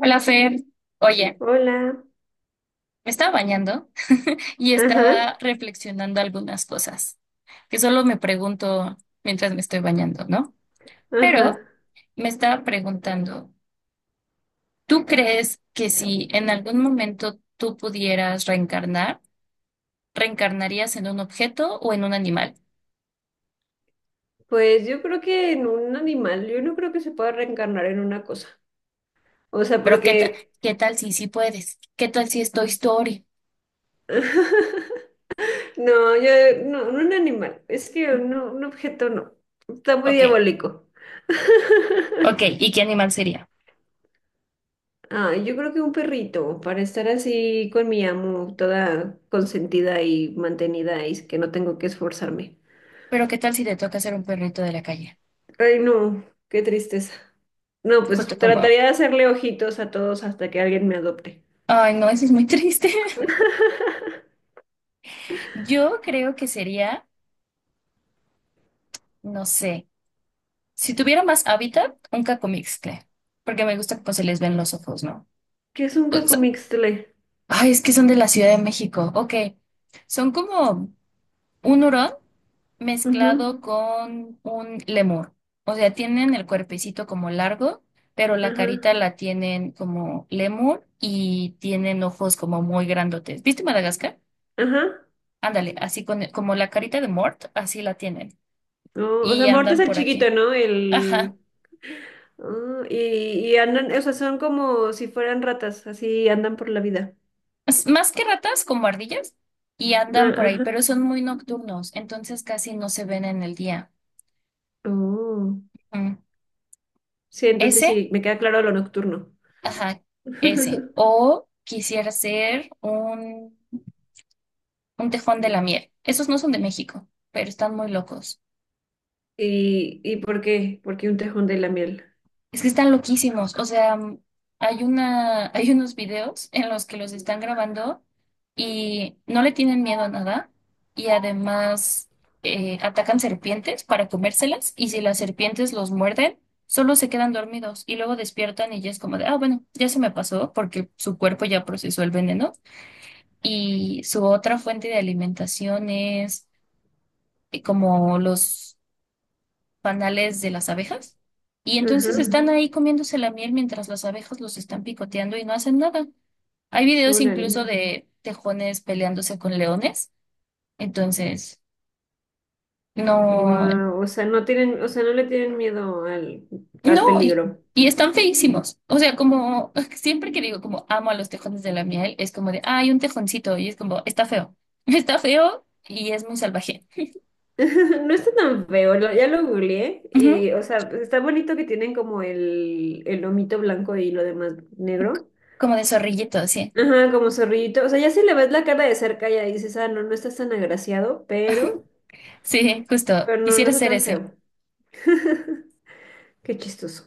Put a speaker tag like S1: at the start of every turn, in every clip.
S1: Hola, Fer. Oye,
S2: Hola.
S1: me estaba bañando y
S2: Ajá,
S1: estaba reflexionando algunas cosas que solo me pregunto mientras me estoy bañando, ¿no?
S2: ajá.
S1: Pero me estaba preguntando, ¿tú crees que si en algún momento tú pudieras reencarnar, reencarnarías en un objeto o en un animal?
S2: Pues yo creo que en un animal, yo no creo que se pueda reencarnar en una cosa. O sea,
S1: Pero ¿qué tal,
S2: porque...
S1: qué tal si sí puedes? ¿Qué tal si es Toy Story?
S2: No, yo no, no un animal. Es que no, un objeto no. Está muy
S1: Ok,
S2: diabólico.
S1: ok, ¿y qué animal sería?
S2: Ah, yo creo que un perrito, para estar así con mi amo, toda consentida y mantenida y que no tengo que esforzarme.
S1: Pero ¿qué tal si te toca ser un perrito de la calle?
S2: Ay, no, qué tristeza. No, pues
S1: Justo como,
S2: trataría de hacerle ojitos a todos hasta que alguien me adopte.
S1: ay, no, eso es muy triste. Yo creo que sería, no sé, si tuviera más hábitat, un cacomixtle, porque me gusta cómo se les ven los ojos, ¿no?
S2: ¿Qué es un
S1: Pues,
S2: cacomixtle?
S1: ay, es que son de la Ciudad de México. Ok, son como un hurón
S2: Ujú.
S1: mezclado con un lemur. O sea, tienen el cuerpecito como largo, pero la carita
S2: Ajá,
S1: la tienen como lemur y tienen ojos como muy grandotes. ¿Viste Madagascar?
S2: ajá.
S1: Ándale, así con, como la carita de Mort, así la tienen.
S2: No, o sea,
S1: Y
S2: muerto es
S1: andan
S2: el
S1: por
S2: chiquito,
S1: aquí.
S2: ¿no?
S1: Ajá.
S2: El... ah, y, y andan, o sea, son como si fueran ratas, así andan por la vida.
S1: Es más que ratas, como ardillas, y
S2: Ah,
S1: andan por ahí,
S2: ajá.
S1: pero son muy nocturnos, entonces casi no se ven en el día.
S2: Oh.
S1: Mm. Mm.
S2: Sí, entonces
S1: Ese,
S2: sí, me queda claro lo nocturno.
S1: ajá, ese. O quisiera ser un tejón de la miel. Esos no son de México, pero están muy locos.
S2: ¿Y, y por qué? Porque un tejón de la miel.
S1: Es que están loquísimos. O sea, hay unos videos en los que los están grabando y no le tienen miedo a nada. Y además atacan serpientes para comérselas. Y si las serpientes los muerden, solo se quedan dormidos y luego despiertan y ya es como de, ah, bueno, ya se me pasó porque su cuerpo ya procesó el veneno. Y su otra fuente de alimentación es como los panales de las abejas y
S2: Ajá,
S1: entonces ujú, están ahí comiéndose la miel mientras las abejas los están picoteando y no hacen nada. Hay videos
S2: órale.
S1: incluso de tejones peleándose con leones, entonces no. Mm.
S2: Wow, o sea, no tienen, o sea, no le tienen miedo al
S1: No,
S2: peligro.
S1: y están feísimos. O sea, como siempre que digo como amo a los tejones de la miel, es como de, ah, hay un tejoncito y es como, está feo, está feo y es muy salvaje.
S2: No está tan feo, ya lo googleé
S1: Ujú.
S2: y, o sea, pues, está bonito que tienen como el lomito blanco y lo demás negro.
S1: Como de zorrillito, sí.
S2: Ajá, como zorrillito. O sea, ya si le ves la cara de cerca ya dices, ah, no, no estás tan agraciado,
S1: Sí, justo.
S2: pero no, no
S1: Quisiera
S2: está
S1: ser
S2: tan
S1: ese.
S2: feo. Qué chistoso.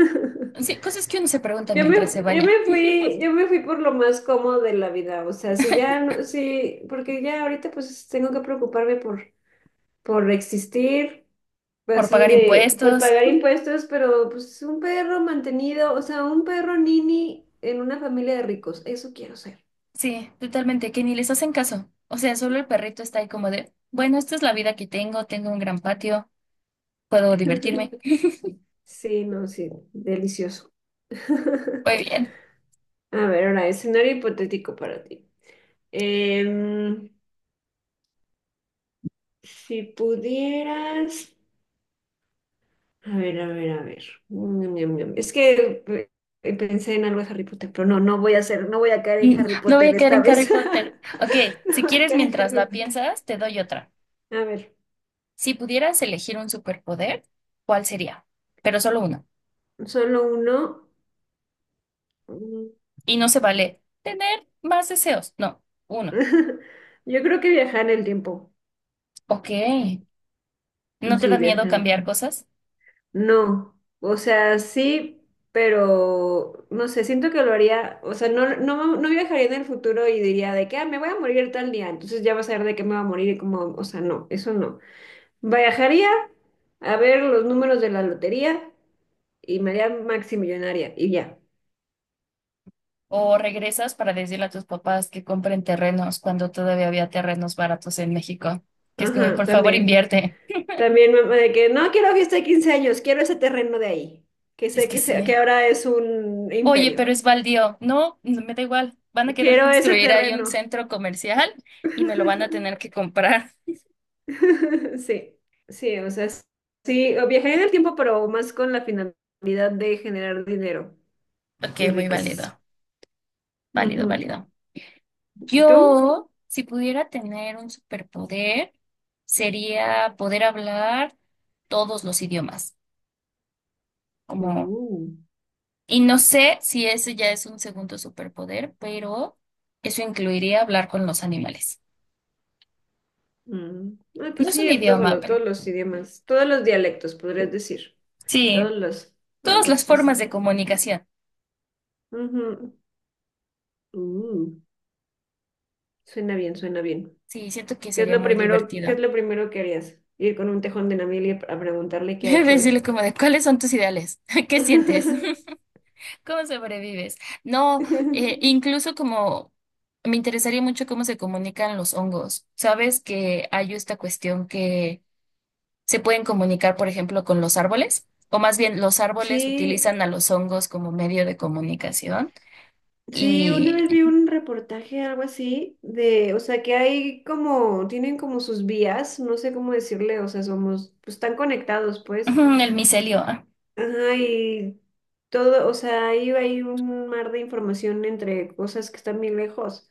S1: Sí, cosas que uno se pregunta
S2: Yo me,
S1: mientras se baña.
S2: yo me fui por lo más cómodo de la vida, o sea, si ya, si, porque ya ahorita pues tengo que preocuparme por existir, pues,
S1: Por
S2: así
S1: pagar
S2: de, por
S1: impuestos.
S2: pagar impuestos, pero pues un perro mantenido, o sea, un perro nini en una familia de ricos, eso quiero ser.
S1: Sí, totalmente, que ni les hacen caso. O sea, solo el perrito está ahí como de, bueno, esta es la vida que tengo, tengo un gran patio, puedo divertirme.
S2: Sí, no, sí, delicioso.
S1: Muy bien.
S2: A ver, ahora, escenario hipotético para ti. Em, si pudieras... A ver, a ver, a ver. Ñam, ñam, ñam. Es que pensé en algo de Harry Potter, pero no, no voy a caer en
S1: Mm,
S2: Harry
S1: no voy
S2: Potter
S1: a caer
S2: esta
S1: en Harry
S2: vez.
S1: Potter. Ok,
S2: No
S1: si
S2: voy a
S1: quieres,
S2: caer en
S1: mientras
S2: Harry
S1: la
S2: Potter.
S1: piensas, te doy otra.
S2: A ver,
S1: Si pudieras elegir un superpoder, ¿cuál sería? Pero solo uno.
S2: solo uno. Mm.
S1: Y no se vale tener más deseos. No, uno.
S2: Yo creo que viajar en el tiempo.
S1: Ok. ¿No te
S2: Sí,
S1: da miedo
S2: viajar.
S1: cambiar cosas?
S2: No, o sea, sí, pero no sé, siento que lo haría, o sea, no, no, no viajaría en el futuro y diría de que, ah, me voy a morir tal día, entonces ya vas a ver de qué me va a morir y como, o sea, no, eso no. Viajaría a ver los números de la lotería y me haría maximillonaria y ya.
S1: O regresas para decirle a tus papás que compren terrenos cuando todavía había terrenos baratos en México. Que es como,
S2: Ajá,
S1: por favor,
S2: también.
S1: invierte.
S2: De que no quiero fiesta de 15 años, quiero ese terreno de ahí, que
S1: Es
S2: sé
S1: que
S2: que, se- que
S1: sí.
S2: ahora es un
S1: Oye,
S2: imperio.
S1: pero es baldío. No, no me da igual. Van a querer
S2: Quiero ese
S1: construir ahí un
S2: terreno.
S1: centro comercial y me lo van a tener que comprar.
S2: Sí, sí, o sea, sí, o viajar en el tiempo, pero más con la finalidad de generar dinero
S1: Ok,
S2: y
S1: muy
S2: riquezas.
S1: válido. Válido,
S2: Ujú.
S1: válido.
S2: ¿Y tú?
S1: Yo, si pudiera tener un superpoder, sería poder hablar todos los idiomas. Como
S2: Uh.
S1: y no sé si ese ya es un segundo superpoder, pero eso incluiría hablar con los animales.
S2: Mm. Ah,
S1: No
S2: pues
S1: es
S2: sí,
S1: un idioma,
S2: todos
S1: pero
S2: los idiomas, todos los dialectos, podrías decir,
S1: sí,
S2: todos los,
S1: todas
S2: algo
S1: las formas de
S2: así.
S1: comunicación.
S2: Ujú. Uh. Suena bien, suena bien.
S1: Sí, siento que sería muy
S2: ¿Qué es
S1: divertido.
S2: lo primero que harías? Ir con un tejón de Namibia a preguntarle qué ha hecho hoy.
S1: Decirle como de, ¿cuáles son tus ideales? ¿Qué sientes? ¿Cómo sobrevives? No, incluso como me interesaría mucho cómo se comunican los hongos. Sabes que hay esta cuestión que se pueden comunicar, por ejemplo, con los árboles, o más bien los árboles
S2: Sí,
S1: utilizan a los hongos como medio de comunicación
S2: sí, una
S1: y
S2: vez vi un reportaje, algo así, de, o sea, que hay como, tienen como sus vías, no sé cómo decirle, o sea, somos, pues están conectados, pues.
S1: ujú, el micelio. Ah,
S2: Ajá, y todo, o sea, ahí hay un mar de información entre cosas que están bien lejos.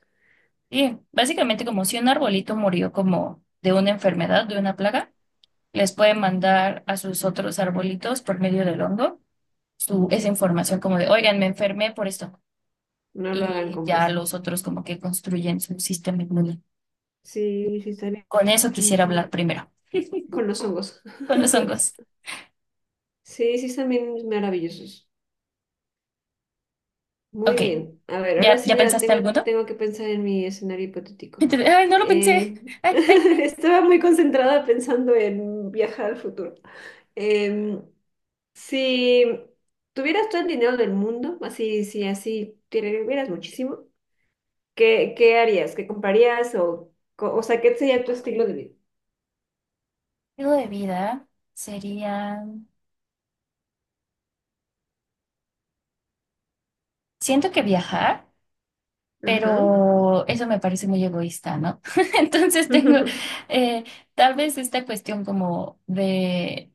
S1: sí, básicamente como si un arbolito murió como de una enfermedad, de una plaga, les pueden mandar a sus otros arbolitos por medio del hongo su, esa información como de, oigan, me enfermé por esto.
S2: No lo hagan,
S1: Y ya
S2: compas.
S1: los otros como que construyen su sistema inmune.
S2: Sí, sí, están
S1: Con eso quisiera
S2: bien
S1: hablar primero,
S2: con los hongos.
S1: con los hongos.
S2: Sí, sí, están bien maravillosos. Muy
S1: Ok,
S2: bien. A ver, ahora sí
S1: ya
S2: ya
S1: pensaste
S2: tengo,
S1: alguno?
S2: tengo que pensar en mi escenario hipotético.
S1: Entonces, ay, no lo pensé.
S2: Eh,
S1: Ay, ay, ay.
S2: estaba muy concentrada pensando en viajar al futuro. Em, si tuvieras todo el dinero del mundo, así, si así tuvieras muchísimo, ¿qué harías? ¿Qué comprarías? O o sea, ¿qué sería tu estilo de vida?
S1: Estilo de vida sería, siento que viajar,
S2: Ajá.
S1: pero eso me parece muy egoísta, ¿no? Entonces tengo eh, tal vez esta cuestión como de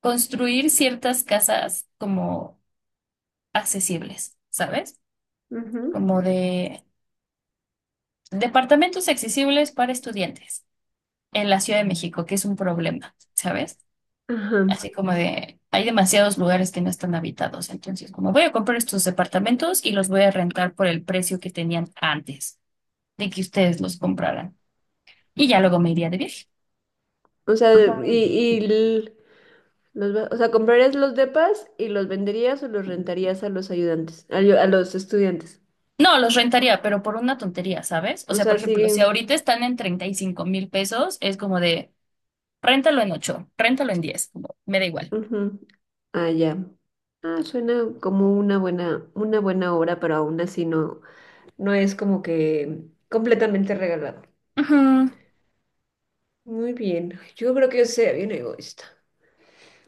S1: construir ciertas casas como accesibles, ¿sabes?
S2: Ujú.
S1: Como de departamentos accesibles para estudiantes en la Ciudad de México, que es un problema, ¿sabes?
S2: Ajá.
S1: Así como de, hay demasiados lugares que no están habitados. Entonces, como voy a comprar estos departamentos y los voy a rentar por el precio que tenían antes de que ustedes los compraran. Y ya luego me iría de viaje.
S2: O sea,
S1: O sea,
S2: y, y l- o sea, ¿comprarías los depas y los venderías o los rentarías a los ayudantes, a los estudiantes?
S1: no, los rentaría, pero por una tontería, ¿sabes? O
S2: O
S1: sea, por
S2: sea,
S1: ejemplo, si
S2: siguen.
S1: ahorita están en 35,000 pesos, es como de, réntalo en 8 réntalo en 10 como, me da igual.
S2: Ujú. Ah, ya. Ah, suena como una buena obra, pero aún así no, no es como que completamente regalado.
S1: Ujú.
S2: Muy bien. Yo creo que yo sería bien egoísta.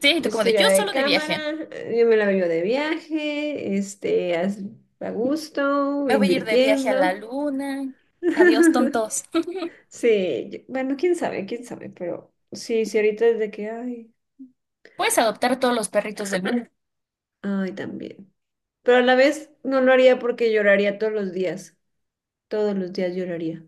S1: Sí, y tú
S2: Yo
S1: como de,
S2: sería
S1: yo
S2: de
S1: solo de viaje.
S2: cámara, yo me la veo de viaje, a gusto,
S1: Me voy a ir de viaje a la
S2: invirtiendo.
S1: luna. Adiós, tontos.
S2: Sí, bueno, quién sabe, pero sí, sí, ahorita desde que, ay,
S1: Puedes adoptar todos los perritos del mundo.
S2: ay, también. Pero a la vez no lo haría porque lloraría todos los días lloraría.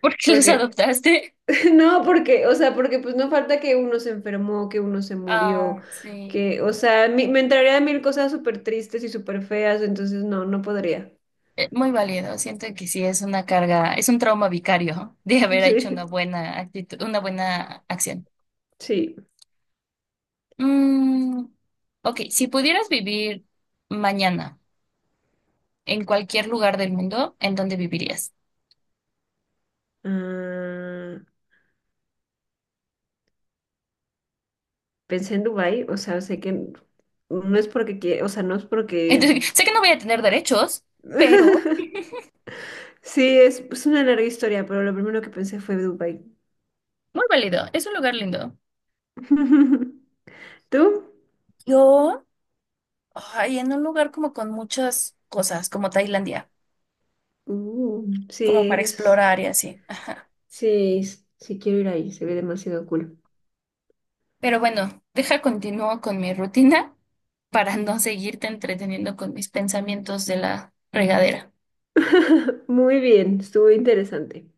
S1: ¿Por qué los
S2: Porque,
S1: adoptaste?
S2: no, porque, o sea, porque pues no falta que uno se enfermó, que uno se murió,
S1: Ah, sí.
S2: que, o sea, me entraría a mil cosas súper tristes y súper feas, entonces no, no podría.
S1: Muy válido. Siento que sí es una carga, es un trauma vicario de haber hecho una
S2: Sí,
S1: buena actitud, una buena acción.
S2: sí.
S1: Mm, ok, si pudieras vivir mañana en cualquier lugar del mundo, ¿en dónde vivirías?
S2: Ah, pensé en Dubái, o sea, sé que no es porque, o sea, no es porque...
S1: Entonces, sé que no voy a tener derechos, pero
S2: Sí, es una larga historia, pero lo primero que pensé fue Dubai.
S1: muy válido. Es un lugar lindo.
S2: ¿Tú?
S1: Yo, ay, en un lugar como con muchas cosas, como Tailandia,
S2: Uh, sí,
S1: como para
S2: es-
S1: explorar y así.
S2: sí quiero ir ahí, se ve demasiado cool.
S1: Pero bueno, deja continúo con mi rutina para no seguirte entreteniendo con mis pensamientos de la regadera.
S2: Muy bien, estuvo interesante.